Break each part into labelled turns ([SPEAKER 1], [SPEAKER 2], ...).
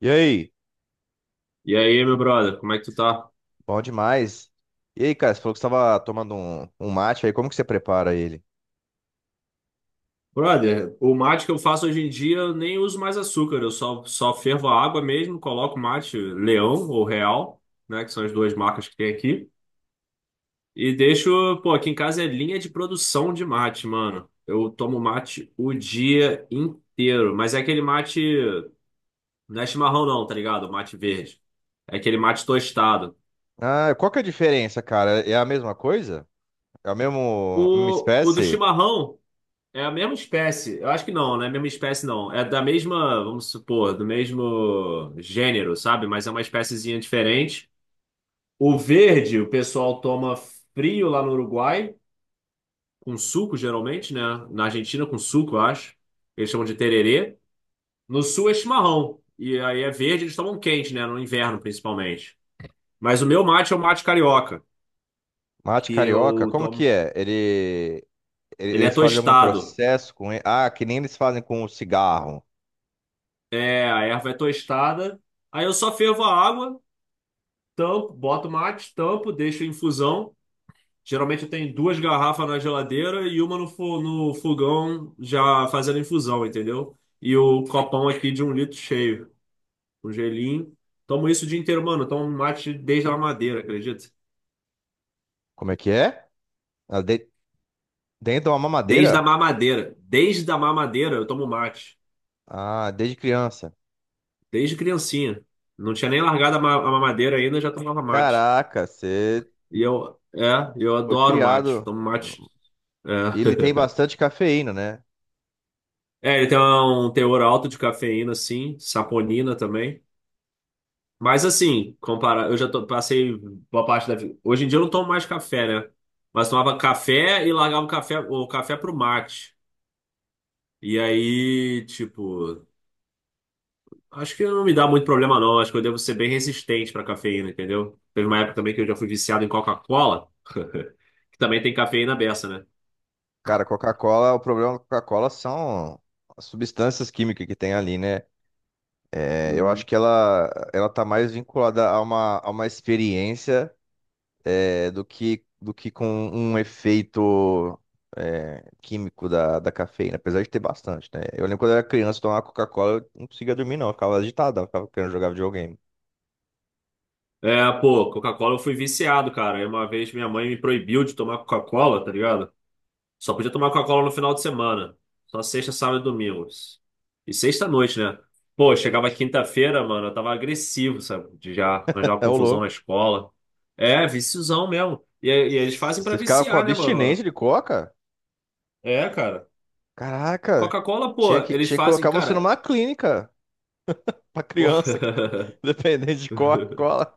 [SPEAKER 1] E aí?
[SPEAKER 2] E aí, meu brother, como é que tu tá?
[SPEAKER 1] Bom demais. E aí, cara, você falou que você estava tomando um mate aí, como que você prepara ele?
[SPEAKER 2] Brother, o mate que eu faço hoje em dia eu nem uso mais açúcar, eu só fervo a água mesmo, coloco mate Leão ou Real, né, que são as duas marcas que tem aqui, e deixo, pô, aqui em casa é linha de produção de mate, mano. Eu tomo mate o dia inteiro, mas é aquele mate, não é chimarrão não, tá ligado? O mate verde. É aquele mate tostado.
[SPEAKER 1] Ah, qual que é a diferença, cara? É a mesma coisa? É a mesma
[SPEAKER 2] O do
[SPEAKER 1] espécie?
[SPEAKER 2] chimarrão. É a mesma espécie. Eu acho que não é a mesma espécie, não. É da mesma, vamos supor, do mesmo gênero, sabe? Mas é uma espéciezinha diferente. O verde, o pessoal toma frio lá no Uruguai, com suco, geralmente, né? Na Argentina, com suco, eu acho. Eles chamam de tererê. No sul é chimarrão. E aí é verde, eles tomam quente, né? No inverno, principalmente. Mas o meu mate é o mate carioca,
[SPEAKER 1] Mate
[SPEAKER 2] que
[SPEAKER 1] carioca?
[SPEAKER 2] eu
[SPEAKER 1] Como que
[SPEAKER 2] tomo.
[SPEAKER 1] é? Ele, ele-
[SPEAKER 2] Ele é
[SPEAKER 1] eles fazem algum
[SPEAKER 2] tostado.
[SPEAKER 1] processo com ele? Ah, que nem eles fazem com o cigarro.
[SPEAKER 2] É, a erva é tostada. Aí eu só fervo a água. Tampo, boto o mate, tampo, deixo em infusão. Geralmente eu tenho duas garrafas na geladeira e uma no, no fogão já fazendo infusão, entendeu? E o copão aqui de um litro cheio, um gelinho. Tomo isso o dia inteiro, mano. Eu tomo mate desde a madeira acredita?
[SPEAKER 1] Como é que é? Ah, dentro de uma
[SPEAKER 2] Desde a
[SPEAKER 1] mamadeira?
[SPEAKER 2] mamadeira. Desde a mamadeira eu tomo mate.
[SPEAKER 1] Ah, desde criança.
[SPEAKER 2] Desde criancinha. Não tinha nem largado a a mamadeira ainda, já tomava mate.
[SPEAKER 1] Caraca, você
[SPEAKER 2] E eu, eu
[SPEAKER 1] foi
[SPEAKER 2] adoro mate.
[SPEAKER 1] criado.
[SPEAKER 2] Tomo mate.
[SPEAKER 1] Ele tem
[SPEAKER 2] É.
[SPEAKER 1] bastante cafeína, né?
[SPEAKER 2] É, ele tem um teor alto de cafeína, sim, saponina também. Mas assim, compara, eu já passei boa parte da vida. Hoje em dia eu não tomo mais café, né? Mas tomava café e largava o café pro mate. E aí, tipo, acho que não me dá muito problema, não. Acho que eu devo ser bem resistente pra cafeína, entendeu? Teve uma época também que eu já fui viciado em Coca-Cola, que também tem cafeína beça, né?
[SPEAKER 1] Cara, Coca-Cola, o problema da Coca-Cola são as substâncias químicas que tem ali, né? É, eu acho
[SPEAKER 2] Uhum.
[SPEAKER 1] que ela tá mais vinculada a a uma experiência, do que com um efeito, químico da cafeína, apesar de ter bastante, né? Eu lembro quando eu era criança, tomar Coca-Cola, eu não conseguia dormir, não. Eu ficava agitado, eu ficava querendo jogar videogame.
[SPEAKER 2] É, pô, Coca-Cola eu fui viciado, cara. Aí uma vez minha mãe me proibiu de tomar Coca-Cola, tá ligado? Só podia tomar Coca-Cola no final de semana. Só sexta, sábado e domingo. E sexta à noite, né? Pô, eu chegava quinta-feira, mano, eu tava agressivo, sabe? De já arranjar uma
[SPEAKER 1] É o
[SPEAKER 2] confusão na
[SPEAKER 1] louco.
[SPEAKER 2] escola. É, viciozão mesmo. E eles fazem pra
[SPEAKER 1] Você ficava com
[SPEAKER 2] viciar, né,
[SPEAKER 1] abstinência
[SPEAKER 2] mano?
[SPEAKER 1] de coca?
[SPEAKER 2] É, cara.
[SPEAKER 1] Caraca,
[SPEAKER 2] Coca-Cola, pô,
[SPEAKER 1] tinha que,
[SPEAKER 2] eles
[SPEAKER 1] tinha que
[SPEAKER 2] fazem,
[SPEAKER 1] colocar você
[SPEAKER 2] cara.
[SPEAKER 1] numa clínica. Pra
[SPEAKER 2] Pô.
[SPEAKER 1] criança que dependente de Coca-Cola.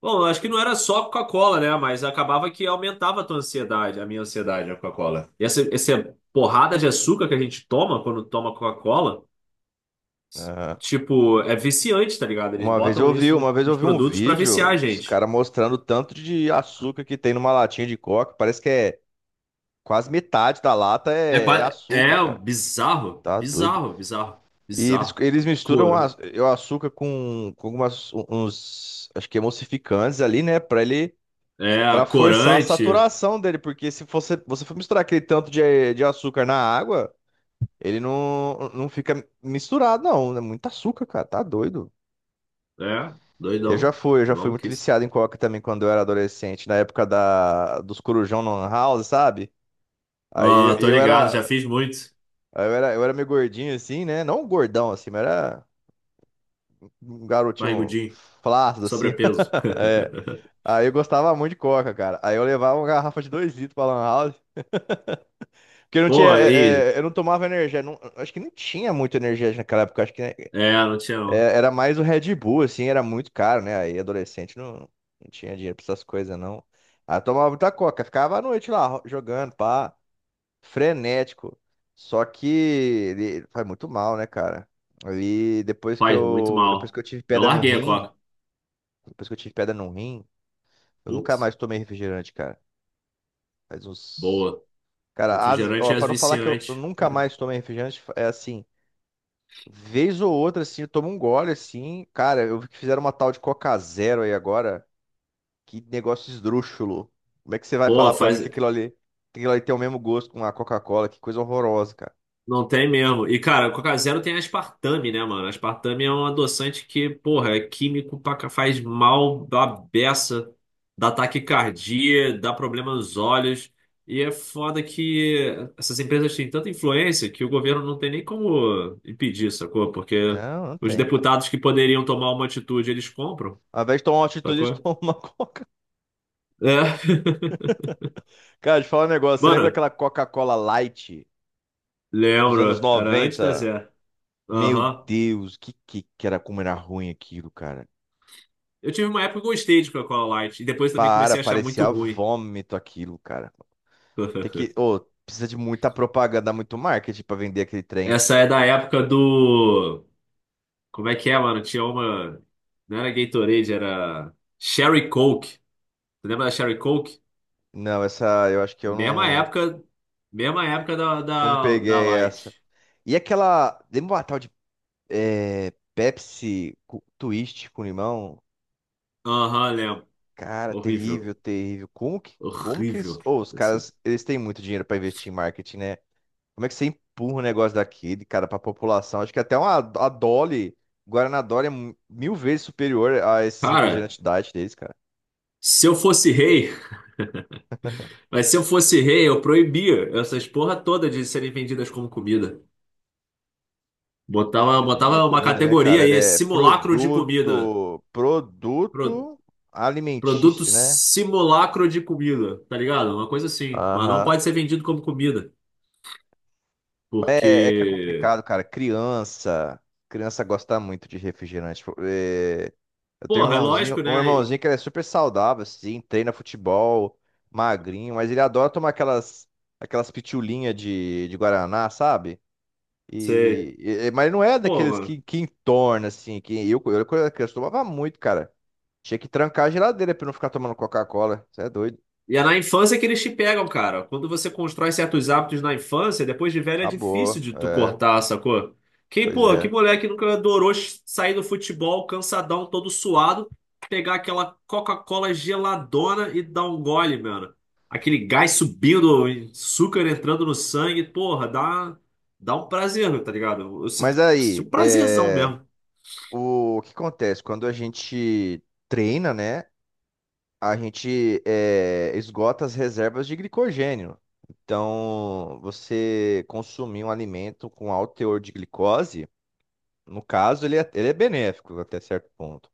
[SPEAKER 2] Bom, eu acho que não era só Coca-Cola, né? Mas acabava que aumentava a tua ansiedade, a minha ansiedade, a Coca-Cola. E essa porrada de açúcar que a gente toma quando toma Coca-Cola.
[SPEAKER 1] Aham.
[SPEAKER 2] Tipo, é viciante, tá ligado? Eles
[SPEAKER 1] Uma vez
[SPEAKER 2] botam
[SPEAKER 1] eu vi,
[SPEAKER 2] isso
[SPEAKER 1] uma
[SPEAKER 2] nos,
[SPEAKER 1] vez eu
[SPEAKER 2] nos
[SPEAKER 1] vi um
[SPEAKER 2] produtos pra viciar
[SPEAKER 1] vídeo
[SPEAKER 2] a
[SPEAKER 1] dos
[SPEAKER 2] gente.
[SPEAKER 1] caras mostrando o tanto de açúcar que tem numa latinha de Coca. Parece que é quase metade da lata
[SPEAKER 2] É,
[SPEAKER 1] é açúcar,
[SPEAKER 2] é
[SPEAKER 1] cara.
[SPEAKER 2] bizarro,
[SPEAKER 1] Tá doido.
[SPEAKER 2] bizarro, bizarro,
[SPEAKER 1] E eles,
[SPEAKER 2] bizarro.
[SPEAKER 1] eles misturam
[SPEAKER 2] Cor,
[SPEAKER 1] o açúcar com algumas, uns, acho que emulsificantes ali, né? Pra ele,
[SPEAKER 2] é,
[SPEAKER 1] pra forçar a
[SPEAKER 2] corante,
[SPEAKER 1] saturação dele. Porque se você for misturar aquele tanto de açúcar na água. Ele não fica misturado, não. É muito açúcar, cara. Tá doido.
[SPEAKER 2] é,
[SPEAKER 1] Eu já
[SPEAKER 2] doidão,
[SPEAKER 1] fui, eu já fui muito
[SPEAKER 2] maluquice.
[SPEAKER 1] viciado em coca também quando eu era adolescente, na época dos corujão no lan house, sabe? Aí eu,
[SPEAKER 2] Ah, tô
[SPEAKER 1] eu
[SPEAKER 2] ligado, já
[SPEAKER 1] era,
[SPEAKER 2] fiz muito.
[SPEAKER 1] eu era, eu era meio gordinho assim, né? Não gordão assim, mas era um garotinho
[SPEAKER 2] Barrigudinho,
[SPEAKER 1] flácido assim.
[SPEAKER 2] sobrepeso.
[SPEAKER 1] É. Aí eu gostava muito de coca, cara. Aí eu levava uma garrafa de 2 litros pra lan house. Porque eu não tinha,
[SPEAKER 2] Pô, aí,
[SPEAKER 1] eu não tomava energia, não- acho que não tinha muito energia naquela época, acho que né.
[SPEAKER 2] é, não tinha
[SPEAKER 1] É,
[SPEAKER 2] não.
[SPEAKER 1] era mais o Red Bull, assim, era muito caro, né? Aí adolescente não tinha dinheiro pra essas coisas, não. Aí tomava muita coca, ficava à noite lá jogando, pá, frenético. Só que ele faz muito mal, né, cara? Aí
[SPEAKER 2] Faz muito
[SPEAKER 1] depois
[SPEAKER 2] mal.
[SPEAKER 1] que eu tive
[SPEAKER 2] Eu
[SPEAKER 1] pedra no
[SPEAKER 2] larguei a
[SPEAKER 1] rim,
[SPEAKER 2] coca.
[SPEAKER 1] depois que eu tive pedra no rim, eu nunca
[SPEAKER 2] Putz,
[SPEAKER 1] mais tomei refrigerante, cara. Faz uns.
[SPEAKER 2] boa.
[SPEAKER 1] Cara,
[SPEAKER 2] Refrigerante
[SPEAKER 1] ó,
[SPEAKER 2] é
[SPEAKER 1] pra não falar que eu
[SPEAKER 2] viciante.
[SPEAKER 1] nunca mais tomei refrigerante, é assim. Vez ou outra, assim, eu tomo um gole, assim. Cara, eu vi que fizeram uma tal de Coca Zero aí agora. Que negócio esdrúxulo. Como é que você vai
[SPEAKER 2] Pô,
[SPEAKER 1] falar pra mim
[SPEAKER 2] faz.
[SPEAKER 1] que que aquilo ali tem o mesmo gosto com a Coca-Cola? Que coisa horrorosa, cara.
[SPEAKER 2] Não tem mesmo. E, cara, Coca Zero tem aspartame, né, mano? Aspartame é um adoçante que, porra, é químico, faz mal da beça, dá taquicardia, dá problema nos olhos. E é foda que essas empresas têm tanta influência que o governo não tem nem como impedir, sacou? Porque
[SPEAKER 1] Não, não
[SPEAKER 2] os
[SPEAKER 1] tem, cara.
[SPEAKER 2] deputados que poderiam tomar uma atitude, eles compram,
[SPEAKER 1] Ao invés de tomar uma atitude, eles
[SPEAKER 2] sacou?
[SPEAKER 1] tomam uma Coca.
[SPEAKER 2] É.
[SPEAKER 1] Cara, te falar um negócio. Você lembra
[SPEAKER 2] Mano,
[SPEAKER 1] daquela Coca-Cola Light dos anos
[SPEAKER 2] lembro. Era antes da
[SPEAKER 1] 90?
[SPEAKER 2] Zé.
[SPEAKER 1] Meu
[SPEAKER 2] Aham.
[SPEAKER 1] Deus, que era como era ruim aquilo, cara.
[SPEAKER 2] Eu tive uma época que eu gostei de Coca-Cola Light. E depois também
[SPEAKER 1] Para,
[SPEAKER 2] comecei a achar muito
[SPEAKER 1] parecia
[SPEAKER 2] ruim.
[SPEAKER 1] vômito aquilo, cara. Ô, precisa de muita propaganda, muito marketing pra vender aquele trem.
[SPEAKER 2] Essa é da época do. Como é que é, mano? Tinha uma. Não era Gatorade, era Sherry Coke. Tu lembra da Sherry Coke?
[SPEAKER 1] Não, essa, eu acho que eu
[SPEAKER 2] Mesma
[SPEAKER 1] não,
[SPEAKER 2] época. Mesma época da,
[SPEAKER 1] não
[SPEAKER 2] da, da
[SPEAKER 1] peguei essa.
[SPEAKER 2] Light.
[SPEAKER 1] E aquela. Lembra uma tal de Pepsi Twist com limão?
[SPEAKER 2] Aham, lembro.
[SPEAKER 1] Cara, terrível,
[SPEAKER 2] Horrível.
[SPEAKER 1] terrível. Como que
[SPEAKER 2] Horrível.
[SPEAKER 1] eles. Ô, os
[SPEAKER 2] Assim.
[SPEAKER 1] caras, eles têm muito dinheiro pra investir em marketing, né? Como é que você empurra um negócio daquele, cara, pra população? Acho que até uma, a Dolly, Guaraná Dolly é mil vezes superior a esses
[SPEAKER 2] Cara,
[SPEAKER 1] refrigerantes diet deles, cara.
[SPEAKER 2] se eu fosse rei, mas se eu fosse rei, eu proibia essas porra toda de serem vendidas como comida. Botava,
[SPEAKER 1] É, nem é
[SPEAKER 2] botava uma
[SPEAKER 1] comida, né,
[SPEAKER 2] categoria
[SPEAKER 1] cara? Ele
[SPEAKER 2] aí,
[SPEAKER 1] é
[SPEAKER 2] simulacro de comida.
[SPEAKER 1] produto.
[SPEAKER 2] Pro-
[SPEAKER 1] Produto
[SPEAKER 2] Produto
[SPEAKER 1] alimentício, né?
[SPEAKER 2] simulacro de comida, tá ligado? Uma coisa assim. Mas não
[SPEAKER 1] Aham.
[SPEAKER 2] pode ser vendido como comida.
[SPEAKER 1] É que é
[SPEAKER 2] Porque,
[SPEAKER 1] complicado, cara. Criança gosta muito de refrigerante. Tipo, é, eu tenho um
[SPEAKER 2] porra, é
[SPEAKER 1] irmãozinho,
[SPEAKER 2] lógico,
[SPEAKER 1] um
[SPEAKER 2] né?
[SPEAKER 1] irmãozinho que ele é super saudável, assim, treina futebol, magrinho, mas ele adora tomar aquelas pitulinhas de Guaraná, sabe?
[SPEAKER 2] Você,
[SPEAKER 1] E, mas não é
[SPEAKER 2] pô,
[SPEAKER 1] daqueles
[SPEAKER 2] mano.
[SPEAKER 1] que entorna, assim, que eu quando era criança tomava muito, cara. Tinha que trancar a geladeira pra eu não ficar tomando Coca-Cola. Você é doido.
[SPEAKER 2] E é na infância que eles te pegam, cara. Quando você constrói certos hábitos na infância, depois de velho é difícil
[SPEAKER 1] Acabou.
[SPEAKER 2] de tu
[SPEAKER 1] É,
[SPEAKER 2] cortar, sacou? Quem,
[SPEAKER 1] pois
[SPEAKER 2] pô, que
[SPEAKER 1] é.
[SPEAKER 2] moleque nunca adorou sair do futebol cansadão, todo suado, pegar aquela Coca-Cola geladona e dar um gole, mano. Aquele gás subindo, açúcar entrando no sangue, porra, dá, dá um prazer, tá ligado? Eu
[SPEAKER 1] Mas
[SPEAKER 2] sinto, sinto
[SPEAKER 1] aí,
[SPEAKER 2] um prazerzão
[SPEAKER 1] é.
[SPEAKER 2] mesmo.
[SPEAKER 1] O que acontece? Quando a gente treina, né? A gente esgota as reservas de glicogênio. Então, você consumir um alimento com alto teor de glicose, no caso, ele é benéfico até certo ponto.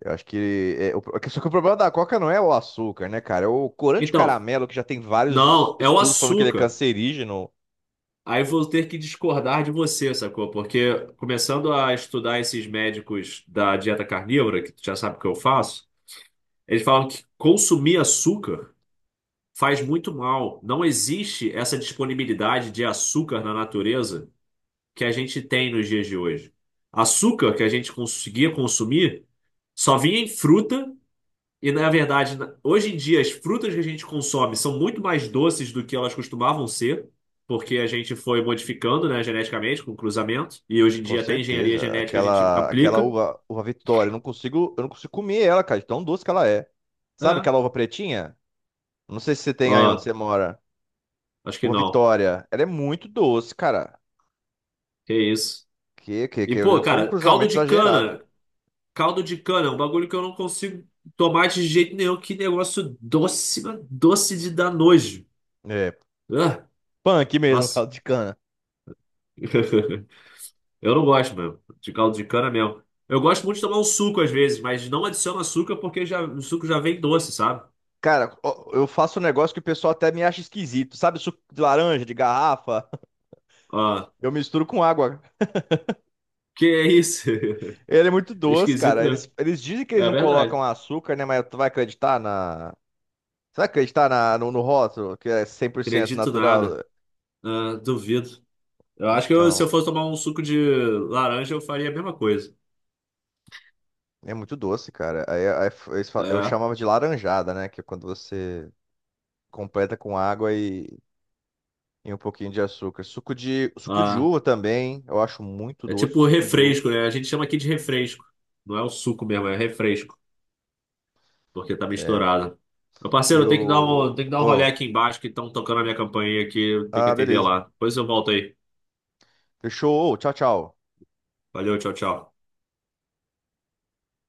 [SPEAKER 1] Eu acho que, só que o problema da Coca não é o açúcar, né, cara? É o corante de
[SPEAKER 2] Então,
[SPEAKER 1] caramelo, que já tem vários
[SPEAKER 2] não, é o
[SPEAKER 1] estudos falando que ele é
[SPEAKER 2] açúcar.
[SPEAKER 1] cancerígeno.
[SPEAKER 2] Aí vou ter que discordar de você, sacou? Porque começando a estudar esses médicos da dieta carnívora, que tu já sabe o que eu faço, eles falam que consumir açúcar faz muito mal. Não existe essa disponibilidade de açúcar na natureza que a gente tem nos dias de hoje. Açúcar que a gente conseguia consumir só vinha em fruta e na verdade, hoje em dia, as frutas que a gente consome são muito mais doces do que elas costumavam ser, porque a gente foi modificando, né, geneticamente, com cruzamento, e hoje em
[SPEAKER 1] Com
[SPEAKER 2] dia até engenharia
[SPEAKER 1] certeza.
[SPEAKER 2] genética a gente
[SPEAKER 1] Aquela
[SPEAKER 2] aplica.
[SPEAKER 1] uva, uva Vitória, eu não consigo comer ela, cara, de tão doce que ela é. Sabe
[SPEAKER 2] É.
[SPEAKER 1] aquela uva pretinha? Não sei se você tem aí onde
[SPEAKER 2] Ó,
[SPEAKER 1] você mora.
[SPEAKER 2] acho que
[SPEAKER 1] Uva
[SPEAKER 2] não.
[SPEAKER 1] Vitória, ela é muito doce, cara.
[SPEAKER 2] Que isso.
[SPEAKER 1] Que, que,
[SPEAKER 2] E, pô,
[SPEAKER 1] que foi um
[SPEAKER 2] cara, caldo
[SPEAKER 1] cruzamento
[SPEAKER 2] de
[SPEAKER 1] exagerado.
[SPEAKER 2] cana. Caldo de cana é um bagulho que eu não consigo tomar de jeito nenhum. Que negócio doce, mas doce de dar nojo.
[SPEAKER 1] É,
[SPEAKER 2] Ah,
[SPEAKER 1] punk mesmo,
[SPEAKER 2] nossa.
[SPEAKER 1] caldo de cana.
[SPEAKER 2] Eu não gosto mesmo, de caldo de cana mesmo. Eu gosto muito de tomar um suco às vezes, mas não adiciono açúcar porque já, o suco já vem doce, sabe?
[SPEAKER 1] Cara, ó, eu faço um negócio que o pessoal até me acha esquisito. Sabe suco de laranja, de garrafa?
[SPEAKER 2] Ah,
[SPEAKER 1] Eu misturo com água.
[SPEAKER 2] que é isso?
[SPEAKER 1] Ele é muito doce,
[SPEAKER 2] Esquisito
[SPEAKER 1] cara. Eles,
[SPEAKER 2] mesmo.
[SPEAKER 1] eles dizem que eles
[SPEAKER 2] É
[SPEAKER 1] não
[SPEAKER 2] verdade.
[SPEAKER 1] colocam açúcar, né? Mas tu vai acreditar na. Será que a gente tá no rótulo, que é 100%
[SPEAKER 2] Acredito nada.
[SPEAKER 1] natural?
[SPEAKER 2] Ah, duvido. Eu acho que se eu
[SPEAKER 1] Então,
[SPEAKER 2] fosse tomar um suco de laranja, eu faria a mesma coisa.
[SPEAKER 1] é muito doce, cara. Aí, eu
[SPEAKER 2] É.
[SPEAKER 1] chamava de laranjada, né? Que é quando você completa com água e um pouquinho de açúcar. Suco de
[SPEAKER 2] Ah,
[SPEAKER 1] uva também, eu acho muito
[SPEAKER 2] é
[SPEAKER 1] doce, o
[SPEAKER 2] tipo
[SPEAKER 1] suco de uva.
[SPEAKER 2] refresco, né? A gente chama aqui de refresco. Não é o suco mesmo, é refresco, porque tá
[SPEAKER 1] É.
[SPEAKER 2] misturado. Meu
[SPEAKER 1] E
[SPEAKER 2] parceiro, eu
[SPEAKER 1] o...
[SPEAKER 2] tenho que dar um, tenho que dar um rolê
[SPEAKER 1] ô,
[SPEAKER 2] aqui embaixo que estão tocando a minha campainha aqui, eu tenho que
[SPEAKER 1] ah,
[SPEAKER 2] atender
[SPEAKER 1] beleza.
[SPEAKER 2] lá. Depois eu volto aí.
[SPEAKER 1] Fechou. Ô, tchau, tchau.
[SPEAKER 2] Valeu, tchau, tchau.